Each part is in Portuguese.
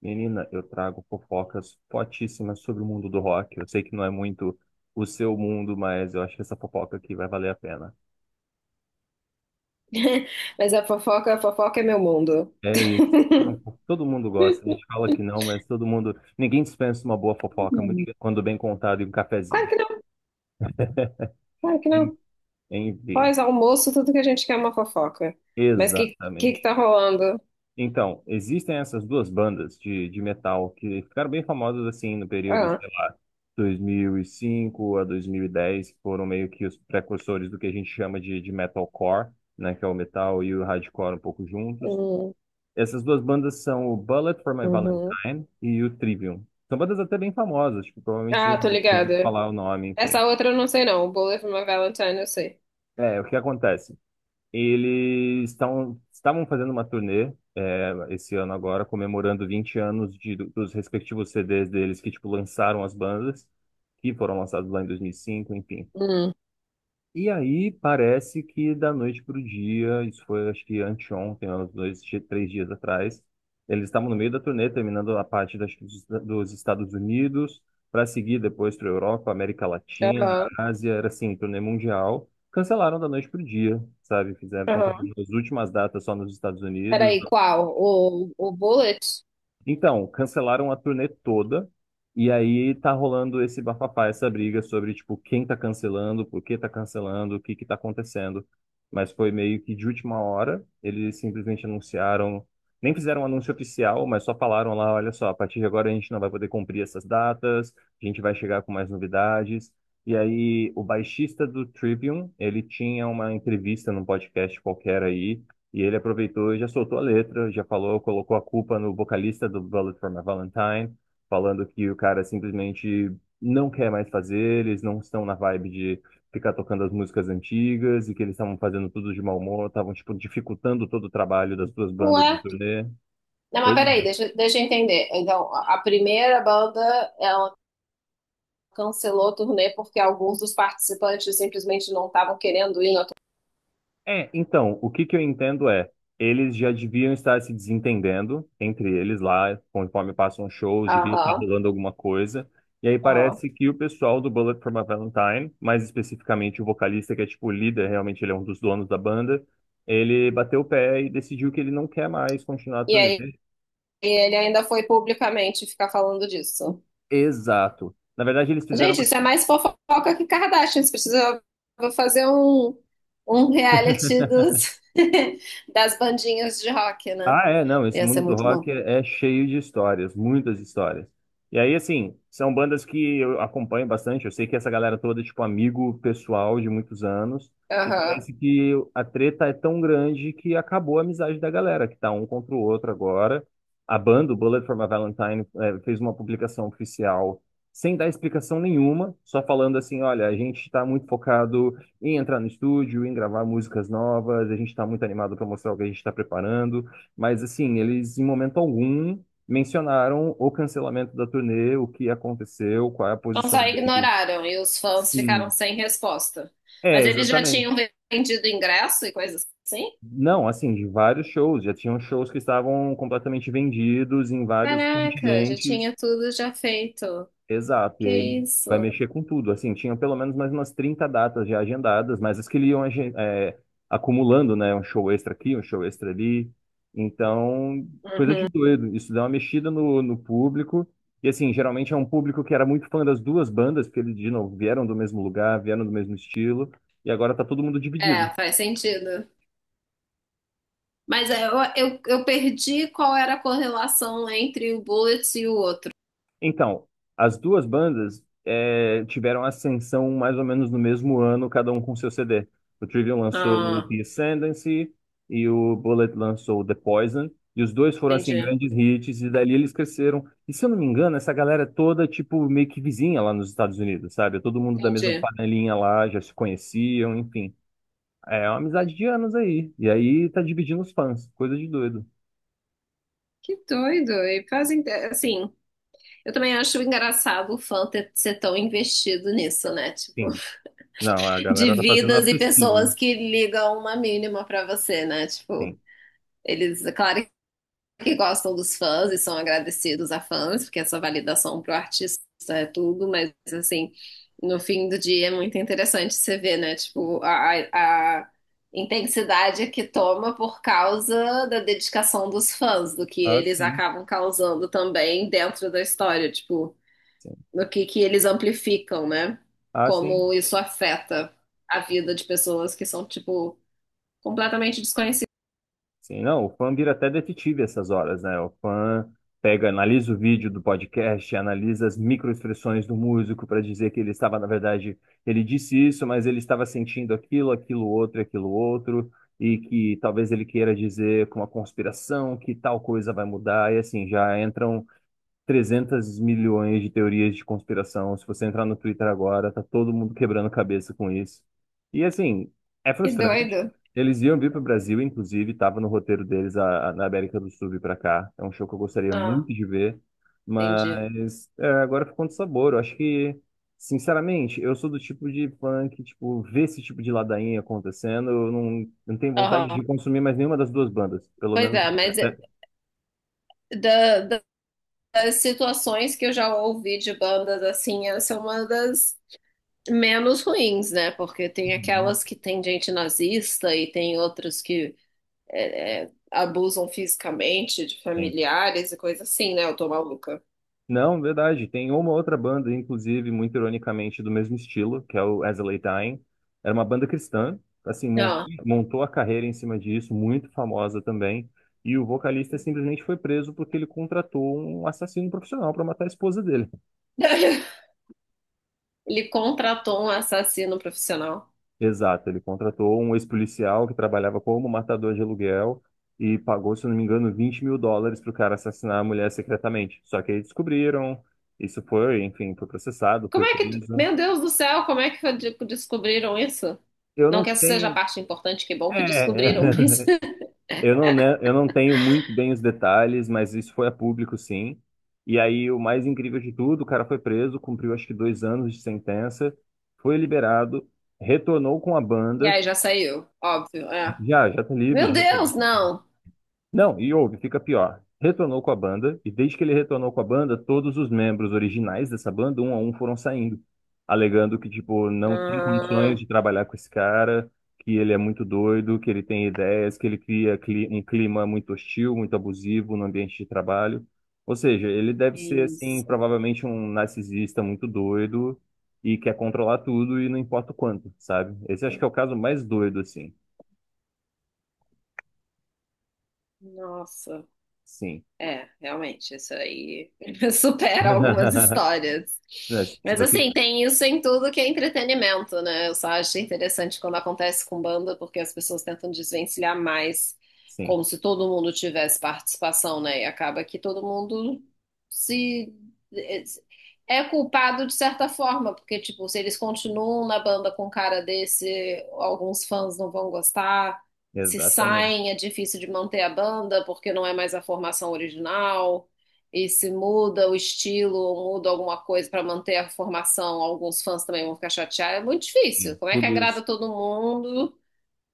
Menina, eu trago fofocas fortíssimas sobre o mundo do rock. Eu sei que não é muito o seu mundo, mas eu acho que essa fofoca aqui vai valer a pena. Mas a fofoca é meu mundo. É isso. Não, todo mundo gosta. A gente fala que não, mas todo mundo. Ninguém dispensa uma boa fofoca, muito Hum. quando bem contado e um Claro cafezinho. que não, claro que não. Enfim, Pós-almoço, tudo que a gente quer é uma fofoca. Mas que exatamente. tá rolando? Então, existem essas duas bandas de metal que ficaram bem famosas assim no período, Ah, sei lá, 2005 a 2010, que foram meio que os precursores do que a gente chama de metalcore, né, que é o metal e o hardcore um pouco juntos. hum, Essas duas bandas são o Bullet for My uhum. Valentine e o Trivium. São bandas até bem famosas, tipo, provavelmente você já Ah, tô ouviu ligada. falar o nome, enfim. Essa outra eu não sei não. O Bullet for My Valentine eu sei. É, o que acontece? Eles estavam fazendo uma turnê esse ano agora, comemorando 20 anos dos respectivos CDs deles que, tipo, lançaram as bandas, que foram lançados lá em 2005, enfim. Hum, E aí parece que da noite para o dia, isso foi acho que anteontem, uns 2, 3 dias atrás, eles estavam no meio da turnê, terminando a parte das, dos dos Estados Unidos, para seguir depois para a Europa, América Latina, aham, Ásia, era assim, turnê mundial. Cancelaram da noite para o dia, sabe? Fizeram, estão fazendo aham. as últimas datas só nos Estados Unidos, Peraí, qual? O Bullet? então, cancelaram a turnê toda, e aí tá rolando esse bafafá, essa briga sobre, tipo, quem tá cancelando, por que tá cancelando, o que que tá acontecendo. Mas foi meio que de última hora, eles simplesmente anunciaram, nem fizeram um anúncio oficial, mas só falaram lá, olha só, a partir de agora a gente não vai poder cumprir essas datas, a gente vai chegar com mais novidades. E aí, o baixista do Trivium, ele tinha uma entrevista num podcast qualquer aí, e ele aproveitou e já soltou a letra, já falou, colocou a culpa no vocalista do Bullet for My Valentine, falando que o cara simplesmente não quer mais fazer, eles não estão na vibe de ficar tocando as músicas antigas e que eles estavam fazendo tudo de mau humor, estavam tipo dificultando todo o trabalho das duas bandas Ué? da turnê. Não, mas Pois é. peraí, deixa eu entender. Então, a primeira banda, ela cancelou o turnê porque alguns dos participantes simplesmente não estavam querendo ir na. É, então, o que que eu entendo é, eles já deviam estar se desentendendo entre eles lá, conforme passam os shows, devia estar Aham, rolando alguma coisa. E aí aham. parece que o pessoal do Bullet for My Valentine, mais especificamente o vocalista, que é tipo o líder, realmente ele é um dos donos da banda, ele bateu o pé e decidiu que ele não quer mais continuar a E turnê. aí ele ainda foi publicamente ficar falando disso. Exato. Na verdade, eles fizeram Gente, uma. isso é mais fofoca que Kardashian. Você precisa fazer um reality dos, das bandinhas de rock, né? Ah, é, não, esse Ia ser mundo do muito bom. rock é cheio de histórias, muitas histórias. E aí, assim, são bandas que eu acompanho bastante, eu sei que essa galera toda é, tipo, amigo pessoal de muitos anos, e Aham. parece que a treta é tão grande que acabou a amizade da galera, que tá um contra o outro agora. A banda, o Bullet for My Valentine, fez uma publicação oficial sem dar explicação nenhuma, só falando assim, olha, a gente tá muito focado em entrar no estúdio, em gravar músicas novas, a gente tá muito animado para mostrar o que a gente tá preparando, mas assim, eles em momento algum mencionaram o cancelamento da turnê, o que aconteceu, qual é a Então posição só deles. ignoraram e os fãs ficaram Sim. sem resposta. É, Mas eles já tinham exatamente. vendido ingresso e coisas assim? Não, assim, de vários shows, já tinham shows que estavam completamente vendidos em vários Caraca, já continentes. tinha tudo já feito. Exato, e Que aí vai isso? mexer com tudo. Assim, tinham pelo menos mais umas 30 datas já agendadas, mas as que ele iam acumulando, né? Um show extra aqui, um show extra ali. Então, coisa de doido. Isso dá uma mexida no público. E assim, geralmente é um público que era muito fã das duas bandas, porque eles, de novo, vieram do mesmo lugar, vieram do mesmo estilo, e agora tá todo mundo dividido. É, faz sentido. Mas é, eu perdi qual era a correlação entre o Bullets e o outro. Então, as duas bandas tiveram ascensão mais ou menos no mesmo ano, cada um com seu CD. O Trivium lançou o Ah, The Ascendancy e o Bullet lançou o The Poison. E os dois foram, assim, entendi, grandes hits, e dali eles cresceram. E se eu não me engano, essa galera é toda, tipo, meio que vizinha lá nos Estados Unidos, sabe? Todo mundo da mesma entendi. panelinha lá, já se conheciam, enfim. É uma amizade de anos aí. E aí tá dividindo os fãs, coisa de doido. Que doido. E fazem, assim, eu também acho engraçado o fã ter, ser tão investido nisso, né? Tipo, Sim. Não, a de galera tá fazendo a vidas e pesquisa. pessoas que ligam uma mínima pra você, né? Tipo, Sim. eles, claro que gostam dos fãs e são agradecidos a fãs, porque essa validação pro artista é tudo, mas assim, no fim do dia é muito interessante você ver, né? Tipo, a a intensidade que toma por causa da dedicação dos fãs, do que Ah, eles sim. acabam causando também dentro da história, tipo, do que eles amplificam, né? Ah, sim. Como isso afeta a vida de pessoas que são, tipo, completamente desconhecidas. Sim, não, o fã vira até detetive essas horas, né? O fã pega, analisa o vídeo do podcast, analisa as microexpressões do músico para dizer que ele estava, na verdade, ele disse isso, mas ele estava sentindo aquilo, aquilo outro, e que talvez ele queira dizer com uma conspiração que tal coisa vai mudar, e assim, já entram 300 milhões de teorias de conspiração. Se você entrar no Twitter agora, tá todo mundo quebrando cabeça com isso. E assim, é Que frustrante. doido. Eles iam vir para o Brasil, inclusive, estava no roteiro deles a, na América do Sul vir para cá. É um show que eu gostaria Ah, muito de ver, entendi. mas é, agora ficou com sabor. Eu acho que, sinceramente, eu sou do tipo de fã que, tipo, vê esse tipo de ladainha acontecendo, eu não, não tenho vontade Aham. de consumir mais nenhuma das duas bandas, pelo Pois menos é, mas até. é- até- da- da- das situações que eu já ouvi de bandas assim, essa é uma das menos ruins, né? Porque tem Uhum. aquelas que tem gente nazista e tem outras que abusam fisicamente de Sim. familiares e coisa assim, né? Eu tô maluca. Não, verdade. Tem uma outra banda, inclusive, muito ironicamente, do mesmo estilo, que é o As I Lay Dying. Era uma banda cristã, assim, montou, Ó. montou a carreira em cima disso, muito famosa também. E o vocalista simplesmente foi preso porque ele contratou um assassino profissional para matar a esposa dele. Ele contratou um assassino profissional. Exato, ele contratou um ex-policial que trabalhava como matador de aluguel e pagou, se eu não me engano, 20 mil dólares para o cara assassinar a mulher secretamente. Só que aí descobriram, isso foi, enfim, foi processado, foi Como é que, preso. meu Deus do céu, como é que descobriram isso? Eu Não não que essa seja a tenho. parte importante, que bom É, que descobriram, mas. eu não, né, eu não tenho muito bem os detalhes, mas isso foi a público, sim. E aí, o mais incrível de tudo, o cara foi preso, cumpriu acho que 2 anos de sentença, foi liberado, retornou com a E banda, aí já saiu, óbvio, é. já, já tá Meu livre. Deus, não. Não, e ouve, fica pior. Retornou com a banda, e desde que ele retornou com a banda, todos os membros originais dessa banda, um a um, foram saindo, alegando que, tipo, não tem condições Ah, de trabalhar com esse cara, que ele é muito doido, que ele tem ideias, que ele cria um clima muito hostil, muito abusivo no ambiente de trabalho. Ou seja, ele deve que ser, assim, isso. provavelmente um narcisista muito doido e quer controlar tudo e não importa o quanto, sabe? Esse acho que é o caso mais doido, assim. Nossa. Sim. É, realmente, isso aí supera algumas histórias. Né, se Mas você. assim, tem isso em tudo que é entretenimento, né? Eu só acho interessante quando acontece com banda, porque as pessoas tentam desvencilhar mais, Sim. como se todo mundo tivesse participação, né? E acaba que todo mundo se é culpado de certa forma, porque tipo, se eles continuam na banda com um cara desse, alguns fãs não vão gostar se Exatamente. saem, é difícil de manter a banda porque não é mais a formação original. E se muda o estilo ou muda alguma coisa para manter a formação, alguns fãs também vão ficar chateados. É muito difícil. Sim. Como é que Tudo agrada isso. todo mundo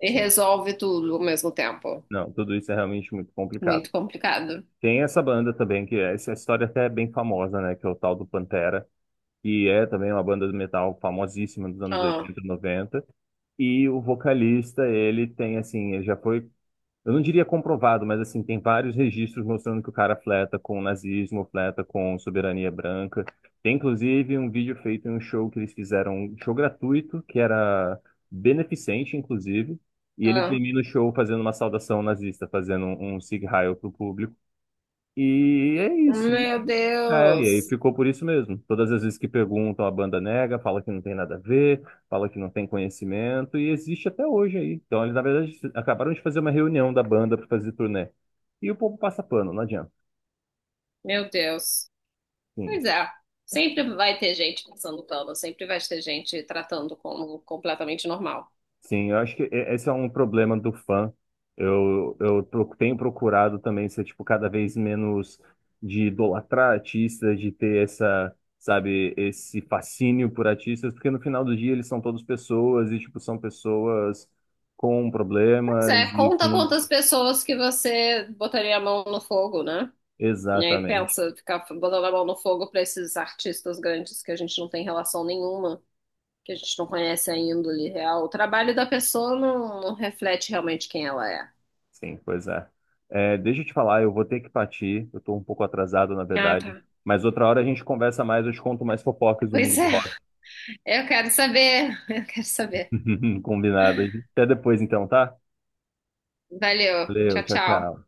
e Sim. resolve tudo ao mesmo tempo? Não, tudo isso é realmente muito complicado. Muito complicado. Tem essa banda também, essa história até é bem famosa, né? Que é o tal do Pantera, que é também uma banda de metal famosíssima dos anos Ah, 80 90. E o vocalista, ele tem, assim, ele já foi. Eu não diria comprovado, mas assim, tem vários registros mostrando que o cara fleta com o nazismo, fleta com soberania branca. Tem inclusive um vídeo feito em um show que eles fizeram, um show gratuito, que era beneficente, inclusive, e ele ah. termina o show fazendo uma saudação nazista, fazendo um Sieg Heil pro público. E é isso. Meu É, e aí Deus. ficou por isso mesmo. Todas as vezes que perguntam, a banda nega, fala que não tem nada a ver, fala que não tem conhecimento, e existe até hoje aí. Então, eles, na verdade, acabaram de fazer uma reunião da banda para fazer turnê. E o povo passa pano, não adianta. Meu Deus. Sim. Pois é. Sempre vai ter gente passando pano, sempre vai ter gente tratando como completamente normal. Sim, eu acho que esse é um problema do fã. Eu tenho procurado também ser, tipo, cada vez menos de idolatrar artistas, de ter essa, sabe, esse fascínio por artistas, porque no final do dia eles são todos pessoas e, tipo, são pessoas com Pois problemas é, e conta com... quantas pessoas que você botaria a mão no fogo, né? E aí Exatamente. pensa, ficar botando a mão no fogo pra esses artistas grandes que a gente não tem relação nenhuma, que a gente não conhece a índole real. O trabalho da pessoa não, não reflete realmente quem ela é. Sim, pois é. É, deixa eu te falar, eu vou ter que partir. Eu tô um pouco atrasado, na Ah, tá. verdade. Mas outra hora a gente conversa mais, eu te conto mais fofocas do mundo Pois do é, rock. eu quero saber, eu quero saber. Combinado. Até depois, então, tá? Valeu, Valeu, tchau, tchau, tchau. tchau.